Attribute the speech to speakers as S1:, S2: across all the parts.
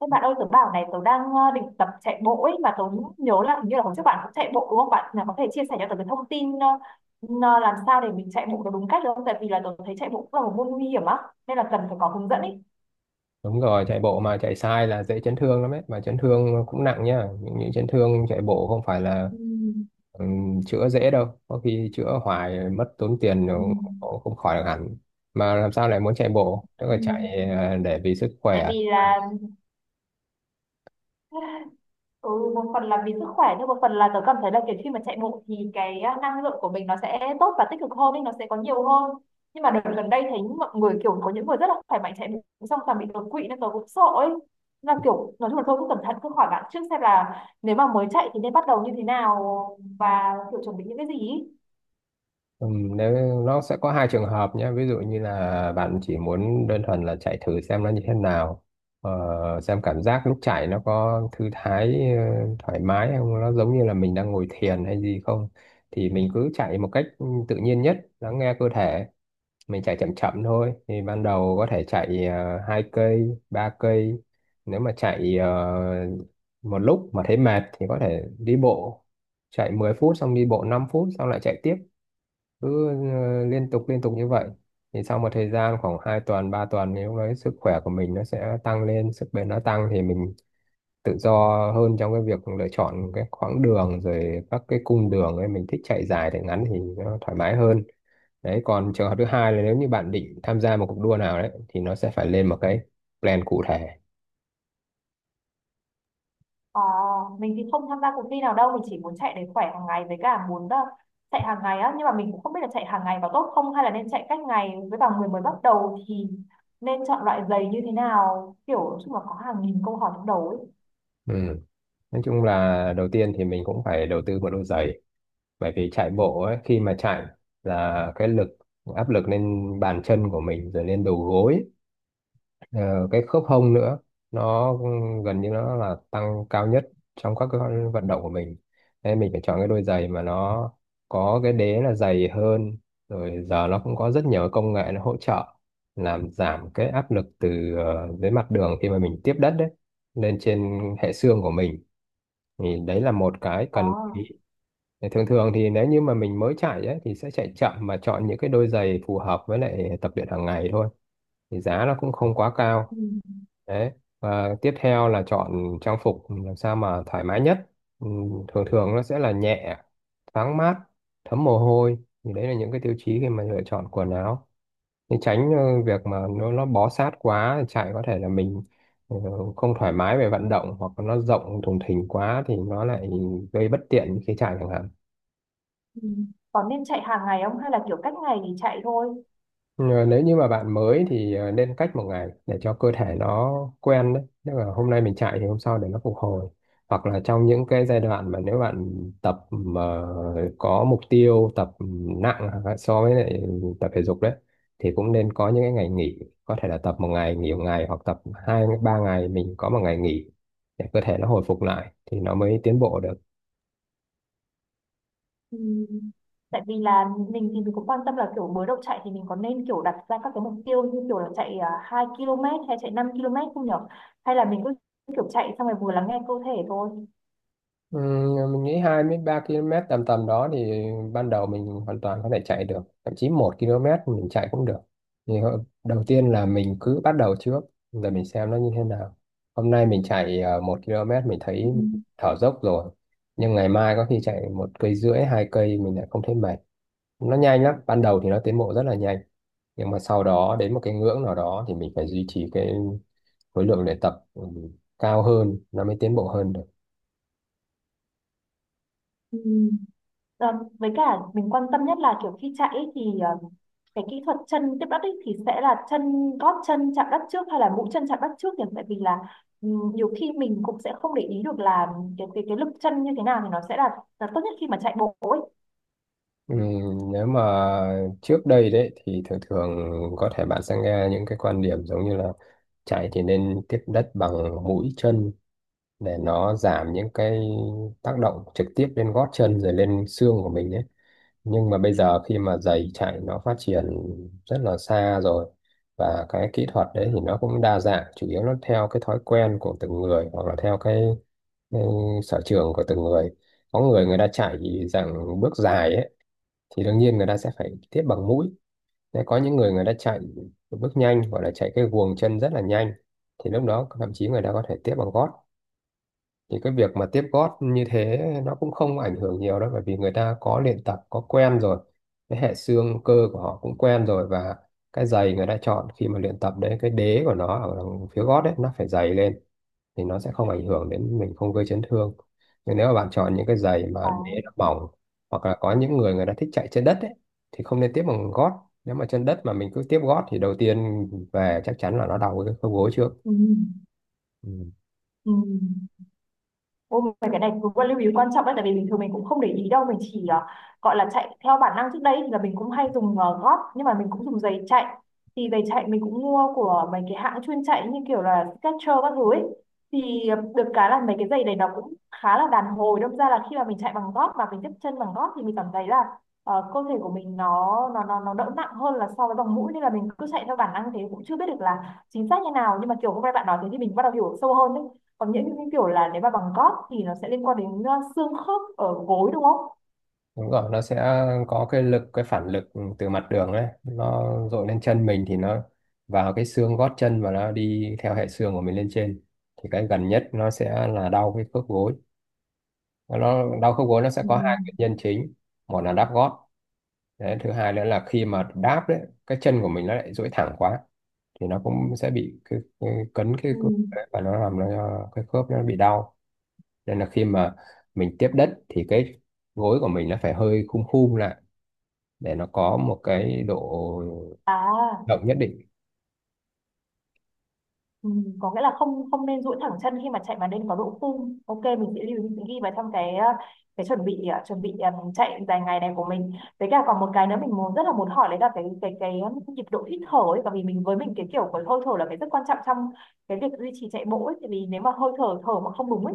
S1: Các bạn ơi, tớ bảo này, tớ đang định tập chạy bộ ấy mà tớ nhớ là hình như là hôm trước bạn cũng chạy bộ đúng không? Bạn là có thể chia sẻ cho tớ cái thông tin làm sao để mình chạy bộ được đúng cách được không? Tại vì là tớ thấy chạy bộ cũng là một môn nguy hiểm á, nên là cần phải có hướng dẫn ấy.
S2: Đúng rồi, chạy bộ mà chạy sai là dễ chấn thương lắm ấy, mà chấn thương cũng nặng nhá. Những chấn thương chạy bộ không phải là
S1: Ừ,
S2: chữa dễ đâu, có khi chữa hoài mất tốn tiền
S1: ừ,
S2: rồi cũng không khỏi được hẳn. Mà làm sao lại muốn chạy bộ? Tức là
S1: ừ.
S2: chạy để vì sức
S1: Tại
S2: khỏe.
S1: vì là, ừ, một phần là vì sức khỏe nhưng một phần là tớ cảm thấy là kiểu khi mà chạy bộ thì cái năng lượng của mình nó sẽ tốt và tích cực hơn nên nó sẽ có nhiều hơn, nhưng mà đợt gần đây thấy mọi người kiểu có những người rất là khỏe mạnh chạy bộ xong toàn bị đột quỵ nên tớ cũng sợ ấy. Nên là kiểu nói chung là thôi cứ cẩn thận cứ hỏi bạn trước xem là nếu mà mới chạy thì nên bắt đầu như thế nào và kiểu chuẩn bị những cái gì ý.
S2: Ừ, nếu nó sẽ có hai trường hợp nhé, ví dụ như là bạn chỉ muốn đơn thuần là chạy thử xem nó như thế nào, ờ, xem cảm giác lúc chạy nó có thư thái, thoải mái không, nó giống như là mình đang ngồi thiền hay gì không, thì mình cứ chạy một cách tự nhiên nhất, lắng nghe cơ thể. Mình chạy chậm chậm thôi, thì ban đầu có thể chạy hai cây ba cây. Nếu mà chạy một lúc mà thấy mệt thì có thể đi bộ, chạy 10 phút xong đi bộ 5 phút xong lại chạy tiếp, cứ liên tục như vậy. Thì sau một thời gian khoảng 2 tuần 3 tuần thì lúc đấy sức khỏe của mình nó sẽ tăng lên, sức bền nó tăng thì mình tự do hơn trong cái việc lựa chọn cái quãng đường rồi các cái cung đường ấy, mình thích chạy dài chạy ngắn thì nó thoải mái hơn. Đấy, còn trường hợp thứ hai là nếu như bạn định tham gia một cuộc đua nào đấy thì nó sẽ phải lên một cái plan cụ thể.
S1: Ờ, mình thì không tham gia cuộc thi nào đâu, mình chỉ muốn chạy để khỏe hàng ngày với cả muốn chạy hàng ngày á, nhưng mà mình cũng không biết là chạy hàng ngày có tốt không hay là nên chạy cách ngày với vào người mới bắt đầu thì nên chọn loại giày như thế nào, kiểu nói chung là có hàng nghìn câu hỏi trong đầu ấy.
S2: Ừ, nói chung là đầu tiên thì mình cũng phải đầu tư một đôi giày, bởi vì chạy bộ ấy, khi mà chạy là cái lực, áp lực lên bàn chân của mình rồi lên đầu gối, ờ, cái khớp hông nữa, nó gần như nó là tăng cao nhất trong các cái vận động của mình, nên mình phải chọn cái đôi giày mà nó có cái đế là dày hơn. Rồi giờ nó cũng có rất nhiều công nghệ nó hỗ trợ làm giảm cái áp lực từ dưới mặt đường khi mà mình tiếp đất đấy lên trên hệ xương của mình, thì đấy là một cái
S1: Ờ,
S2: cần. Thì thường thường thì nếu như mà mình mới chạy ấy, thì sẽ chạy chậm mà chọn những cái đôi giày phù hợp với lại tập luyện hàng ngày thôi, thì giá nó cũng không quá cao.
S1: ừ,
S2: Đấy, và tiếp theo là chọn trang phục làm sao mà thoải mái nhất. Thường thường nó sẽ là nhẹ, thoáng mát, thấm mồ hôi, thì đấy là những cái tiêu chí khi mà lựa chọn quần áo, để tránh việc mà nó bó sát quá chạy, có thể là mình ờ, không thoải mái về vận động, hoặc là nó rộng thùng thình quá thì nó lại gây bất tiện khi chạy chẳng hạn.
S1: ừ. Còn nên chạy hàng ngày không hay là kiểu cách ngày thì chạy thôi?
S2: Ờ, nếu như mà bạn mới thì nên cách một ngày để cho cơ thể nó quen đấy. Nếu mà hôm nay mình chạy thì hôm sau để nó phục hồi. Hoặc là trong những cái giai đoạn mà nếu bạn tập mà có mục tiêu tập nặng so với lại tập thể dục đấy, thì cũng nên có những cái ngày nghỉ. Có thể là tập một ngày nghỉ một ngày, hoặc tập hai ba ngày mình có một ngày nghỉ, để cơ thể nó hồi phục lại thì nó mới tiến bộ được.
S1: Ừ. Tại vì là mình thì mình cũng quan tâm là kiểu mới đầu chạy thì mình có nên kiểu đặt ra các cái mục tiêu như kiểu là chạy 2 km hay chạy 5 km không nhở? Hay là mình cứ kiểu chạy xong rồi vừa lắng nghe cơ thể thôi.
S2: Ừ, mình nghĩ 23 km tầm tầm đó thì ban đầu mình hoàn toàn có thể chạy được, thậm chí 1 km mình chạy cũng được. Thì đầu tiên là mình cứ bắt đầu trước rồi mình xem nó như thế nào. Hôm nay mình chạy 1 km mình thấy
S1: Ừ.
S2: thở dốc rồi, nhưng ngày mai có khi chạy một cây rưỡi hai cây mình lại không thấy mệt. Nó nhanh lắm, ban đầu thì nó tiến bộ rất là nhanh, nhưng mà sau đó đến một cái ngưỡng nào đó thì mình phải duy trì cái khối lượng luyện tập cao hơn nó mới tiến bộ hơn.
S1: Ừ. Ờ, với cả mình quan tâm nhất là kiểu khi chạy ấy thì cái kỹ thuật chân tiếp đất ấy thì sẽ là chân gót chân chạm đất trước hay là mũi chân chạm đất trước nhỉ? Tại vì là ừ, nhiều khi mình cũng sẽ không để ý được là cái cái lực chân như thế nào thì nó sẽ là tốt nhất khi mà chạy bộ ấy.
S2: Ừ, nếu mà trước đây đấy thì thường thường có thể bạn sẽ nghe những cái quan điểm giống như là chạy thì nên tiếp đất bằng mũi chân để nó giảm những cái tác động trực tiếp lên gót chân rồi lên xương của mình đấy. Nhưng mà bây giờ khi mà giày chạy nó phát triển rất là xa rồi, và cái kỹ thuật đấy thì nó cũng đa dạng, chủ yếu nó theo cái thói quen của từng người hoặc là theo cái sở trường của từng người. Có người người ta chạy dạng bước dài ấy thì đương nhiên người ta sẽ phải tiếp bằng mũi. Đấy, có những người người ta chạy bước nhanh hoặc là chạy cái guồng chân rất là nhanh, thì lúc đó thậm chí người ta có thể tiếp bằng gót. Thì cái việc mà tiếp gót như thế nó cũng không ảnh hưởng nhiều đâu, bởi vì người ta có luyện tập có quen rồi, cái hệ xương cơ của họ cũng quen rồi, và cái giày người ta chọn khi mà luyện tập đấy, cái đế của nó ở đằng phía gót đấy nó phải dày lên, thì nó sẽ không ảnh hưởng đến mình, không gây chấn thương. Nhưng nếu mà bạn chọn những cái giày
S1: À.
S2: mà đế nó mỏng, hoặc là có những người người ta thích chạy trên đất ấy, thì không nên tiếp bằng gót. Nếu mà chân đất mà mình cứ tiếp gót thì đầu tiên về chắc chắn là nó đau cái khớp gối trước.
S1: Ừ.
S2: Ừ.
S1: Ừm. Ôi, mà cái này cũng là lưu ý quan trọng đấy, tại vì bình thường mình cũng không để ý đâu, mình chỉ gọi là chạy theo bản năng. Trước đây thì là mình cũng hay dùng gót, nhưng mà mình cũng dùng giày chạy. Thì giày chạy mình cũng mua của mấy cái hãng chuyên chạy như kiểu là Skechers các thứ ấy. Thì được cái là mấy cái giày này nó cũng khá là đàn hồi, đâm ra là khi mà mình chạy bằng gót và mình tiếp chân bằng gót thì mình cảm thấy là cơ thể của mình nó đỡ nặng hơn là so với bằng mũi, nên là mình cứ chạy theo bản năng thế cũng chưa biết được là chính xác như nào, nhưng mà kiểu hôm nay bạn nói thế thì mình bắt đầu hiểu sâu hơn đấy. Còn những kiểu là nếu mà bằng gót thì nó sẽ liên quan đến xương khớp ở gối đúng không?
S2: Đúng rồi, nó sẽ có cái lực, cái phản lực từ mặt đường đấy nó dội lên chân mình, thì nó vào cái xương gót chân và nó đi theo hệ xương của mình lên trên, thì cái gần nhất nó sẽ là đau cái khớp gối. Nó đau khớp gối nó sẽ
S1: Ừ.
S2: có hai nguyên nhân chính: một là đắp gót. Đấy, thứ hai nữa là khi mà đáp đấy, cái chân của mình nó lại duỗi thẳng quá thì nó cũng sẽ bị cấn cái
S1: Ừ.
S2: khớp đấy, và nó làm cái khớp nó bị đau. Nên là khi mà mình tiếp đất thì cái gối của mình nó phải hơi khum khum lại để nó có một cái độ
S1: À,
S2: động nhất định.
S1: ừ. Có nghĩa là không không nên duỗi thẳng chân khi mà chạy mà nên có độ phung. Ok, mình sẽ lưu ý, mình sẽ ghi vào trong cái chuẩn bị, chuẩn bị chạy dài ngày này của mình. Với cả còn một cái nữa mình muốn rất là muốn hỏi đấy là cái nhịp độ hít thở ấy, bởi vì mình với mình cái kiểu của hơi thở là cái rất quan trọng trong cái việc duy trì chạy bộ ấy, tại vì nếu mà hơi thở thở mà không đúng ấy,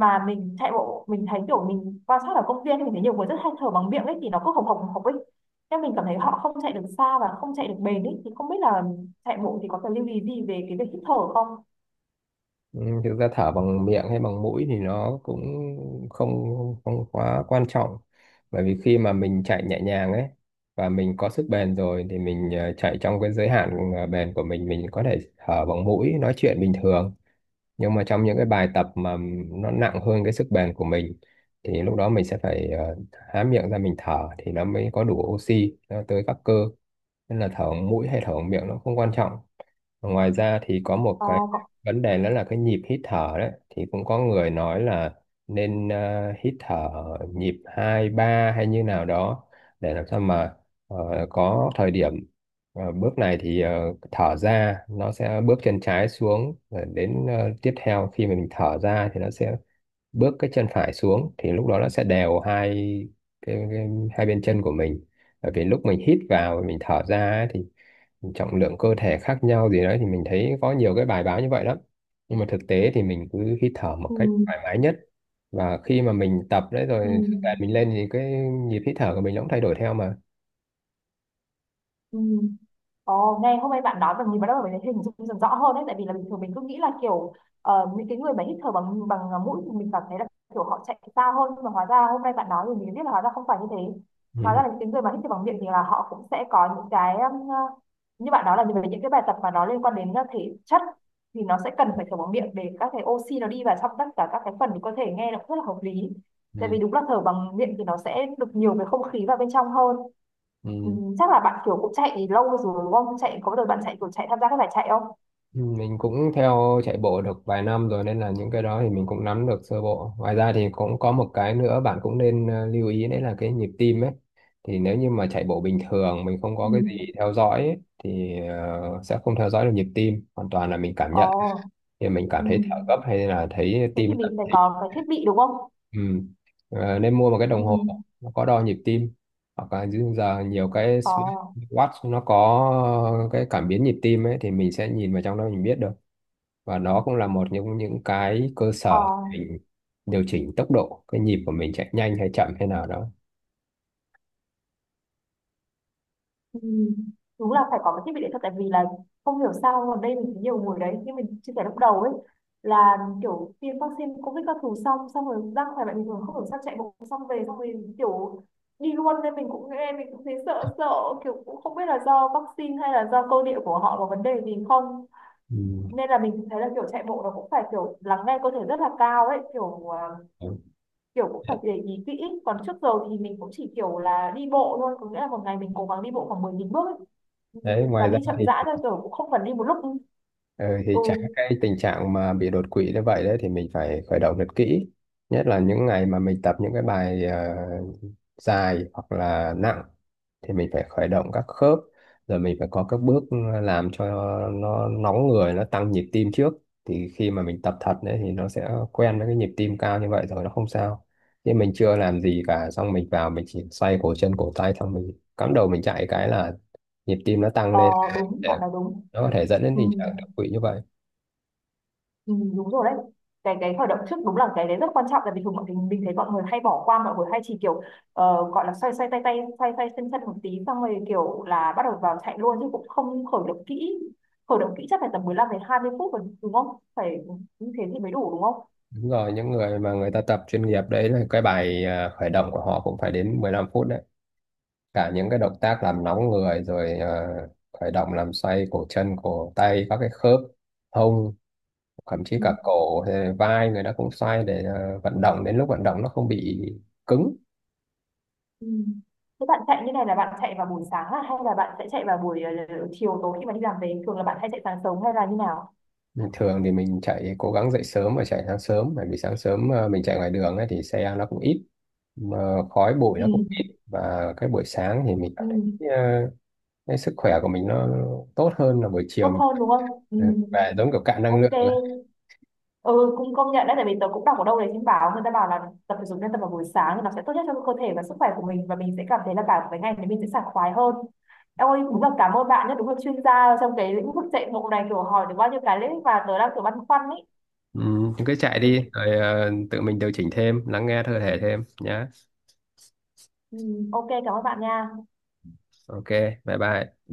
S1: mà mình chạy bộ, mình thấy kiểu mình quan sát ở công viên mình thấy nhiều người rất hay thở bằng miệng ấy, thì nó cứ hồng hộc ấy, nhưng mình cảm thấy họ không chạy được xa và không chạy được bền ấy, thì không biết là chạy bộ thì có cần lưu ý gì về cái việc hít thở không?
S2: Ừ, thực ra thở bằng miệng hay bằng mũi thì nó cũng không không quá quan trọng, bởi vì khi mà mình chạy nhẹ nhàng ấy và mình có sức bền rồi thì mình chạy trong cái giới hạn bền của mình có thể thở bằng mũi, nói chuyện bình thường. Nhưng mà trong những cái bài tập mà nó nặng hơn cái sức bền của mình, thì lúc đó mình sẽ phải há miệng ra mình thở thì nó mới có đủ oxy nó tới các cơ. Nên là thở bằng mũi hay thở bằng miệng nó không quan trọng. Và ngoài ra thì có một
S1: ờ,
S2: cái
S1: có...
S2: vấn đề nữa là cái nhịp hít thở đấy, thì cũng có người nói là nên hít thở nhịp hai ba hay như nào đó, để làm sao mà có thời điểm. Ờ, bước này thì thở ra nó sẽ bước chân trái xuống, rồi đến tiếp theo khi mà mình thở ra thì nó sẽ bước cái chân phải xuống, thì lúc đó nó sẽ đều hai cái hai bên chân của mình. Bởi vì lúc mình hít vào và mình thở ra ấy, thì trọng lượng cơ thể khác nhau gì đấy, thì mình thấy có nhiều cái bài báo như vậy lắm. Nhưng mà thực tế thì mình cứ hít thở một cách
S1: ừ,
S2: thoải mái nhất, và khi mà mình tập đấy
S1: ừ,
S2: rồi sức mình lên thì cái nhịp hít thở của mình nó cũng thay đổi theo mà.
S1: ừ. Ồ, nghe hôm nay bạn nói và nhìn vào đó mình thấy hình dung dần rõ hơn đấy, tại vì là bình thường mình cứ nghĩ là kiểu những cái người mà hít thở bằng bằng à, mũi thì mình cảm thấy là kiểu họ chạy xa hơn, nhưng mà hóa ra hôm nay bạn nói thì mình mới biết là hóa ra không phải như thế. Hóa ra
S2: Ừ.
S1: là những cái người mà hít thở bằng miệng thì là họ cũng sẽ có những cái như bạn nói là về những cái bài tập mà nó liên quan đến thể chất, thì nó sẽ cần phải thở bằng miệng để các cái oxy nó đi vào trong tất cả các cái phần của cơ thể, nghe nó cũng rất là hợp lý. Tại vì
S2: Ừ,
S1: đúng là thở bằng miệng thì nó sẽ được nhiều cái không khí vào bên trong hơn. Ừ,
S2: ừ.
S1: chắc là bạn kiểu cũng chạy lâu rồi đúng không? Chạy có bao giờ bạn chạy kiểu chạy tham gia các giải chạy không?
S2: Ừ, mình cũng theo chạy bộ được vài năm rồi nên là những cái đó thì mình cũng nắm được sơ bộ. Ngoài ra thì cũng có một cái nữa bạn cũng nên lưu ý, đấy là cái nhịp tim ấy. Thì nếu như mà chạy bộ bình thường mình không
S1: Ừ.
S2: có cái gì theo dõi ấy, thì sẽ không theo dõi được nhịp tim. Hoàn toàn là mình cảm nhận,
S1: Ồ,
S2: thì mình cảm
S1: ừ.
S2: thấy thở gấp hay là thấy
S1: Thế
S2: tim
S1: thì
S2: đập
S1: mình phải
S2: thình.
S1: có cái thiết bị đúng không?
S2: Ừ. Ờ, nên mua một cái
S1: Ừ.
S2: đồng hồ nó có đo nhịp tim, hoặc là dưới giờ nhiều cái
S1: Ồ,
S2: watch nó có cái cảm biến nhịp tim ấy, thì mình sẽ nhìn vào trong đó mình biết được, và đó cũng là một những cái cơ
S1: ờ,
S2: sở để mình điều chỉnh tốc độ cái nhịp của mình, chạy nhanh hay chậm hay nào đó.
S1: ừ. Đúng là phải có cái thiết bị đấy thật, tại vì là không hiểu sao ở đây mình thấy nhiều người đấy, nhưng mình chia sẻ lúc đầu ấy, là kiểu tiêm vaccine covid các thứ xong xong rồi ra khỏe mạnh bình thường, không hiểu sao chạy bộ xong về xong rồi kiểu đi luôn, nên mình cũng nghe mình cũng thấy sợ sợ, kiểu cũng không biết là do vaccine hay là do cơ địa của họ có vấn đề gì không.
S2: Ừ.
S1: Nên là mình thấy là kiểu chạy bộ nó cũng phải kiểu lắng nghe cơ thể rất là cao ấy, kiểu cũng phải để ý kỹ. Còn trước giờ thì mình cũng chỉ kiểu là đi bộ thôi, có nghĩa là một ngày mình cố gắng đi bộ khoảng 10.000 bước ấy. Ừ,
S2: Đấy,
S1: và
S2: ngoài
S1: đi
S2: ra
S1: chậm
S2: thì
S1: rãi thôi kiểu cũng không cần đi một lúc.
S2: ừ,
S1: Ừ.
S2: thì tránh cái tình trạng mà bị đột quỵ như vậy đấy, thì mình phải khởi động thật kỹ, nhất là những ngày mà mình tập những cái bài dài hoặc là nặng, thì mình phải khởi động các khớp, rồi mình phải có các bước làm cho nó nóng người, nó tăng nhịp tim trước, thì khi mà mình tập thật đấy thì nó sẽ quen với cái nhịp tim cao như vậy rồi, nó không sao. Nhưng mình chưa làm gì cả, xong mình vào mình chỉ xoay cổ chân cổ tay xong mình cắm đầu mình chạy, cái là nhịp tim nó tăng
S1: Ờ,
S2: lên,
S1: đúng, bạn nói đúng.
S2: nó có thể dẫn đến
S1: Ừ.
S2: tình trạng đột quỵ như vậy.
S1: Ừ, đúng rồi đấy, cái khởi động trước đúng là cái đấy rất quan trọng, tại vì thường mọi người mình thấy mọi người hay bỏ qua, mọi người hay chỉ kiểu gọi là xoay xoay tay tay xoay xoay chân chân một tí xong rồi kiểu là bắt đầu vào chạy luôn chứ cũng không khởi động kỹ. Khởi động kỹ chắc phải tầm 15 đến 20 phút rồi đúng không? Phải như thế thì mới đủ đúng không?
S2: Đúng rồi, những người mà người ta tập chuyên nghiệp đấy, là cái bài khởi động của họ cũng phải đến 15 phút đấy, cả những cái động tác làm nóng người, rồi khởi động làm xoay cổ chân cổ tay các cái khớp hông, thậm chí
S1: Ừ.
S2: cả cổ hay vai người ta cũng xoay để vận động, đến lúc vận động nó không bị cứng.
S1: Ừ. Thế bạn chạy như này là bạn chạy vào buổi sáng à? Hay là bạn sẽ chạy vào buổi chiều tối khi mà đi làm về? Thường là bạn hay chạy sáng sớm hay là như nào?
S2: Thường thì mình chạy cố gắng dậy sớm và chạy sáng sớm, bởi vì sáng sớm mình chạy ngoài đường ấy, thì xe nó cũng ít, mà khói bụi
S1: Ừ.
S2: nó cũng ít, và cái buổi sáng thì mình
S1: Ừ.
S2: cảm thấy ờ, cái sức khỏe của mình nó tốt hơn là buổi
S1: Tốt
S2: chiều mình
S1: hơn đúng không? Ừ.
S2: ừ, về giống kiểu cạn năng lượng ấy.
S1: Ok. Ừ, cũng công nhận đấy, tại vì tớ cũng đọc ở đâu đấy trên báo người ta bảo là tập thể dục nên tập vào buổi sáng thì nó sẽ tốt nhất cho cơ thể và sức khỏe của mình, và mình sẽ cảm thấy là cả cái ngày đấy mình sẽ sảng khoái hơn. Em ơi, đúng là cảm ơn bạn nhé, đúng là chuyên gia trong cái lĩnh vực chạy bộ này, kiểu hỏi được bao nhiêu cái lĩnh vực mà tớ đang kiểu băn khoăn ý.
S2: Ừ, cứ chạy
S1: Thì
S2: đi rồi tự mình điều chỉnh thêm, lắng nghe cơ thể thêm nhá.
S1: ừ, ok, cảm ơn bạn nha.
S2: OK, bye bye.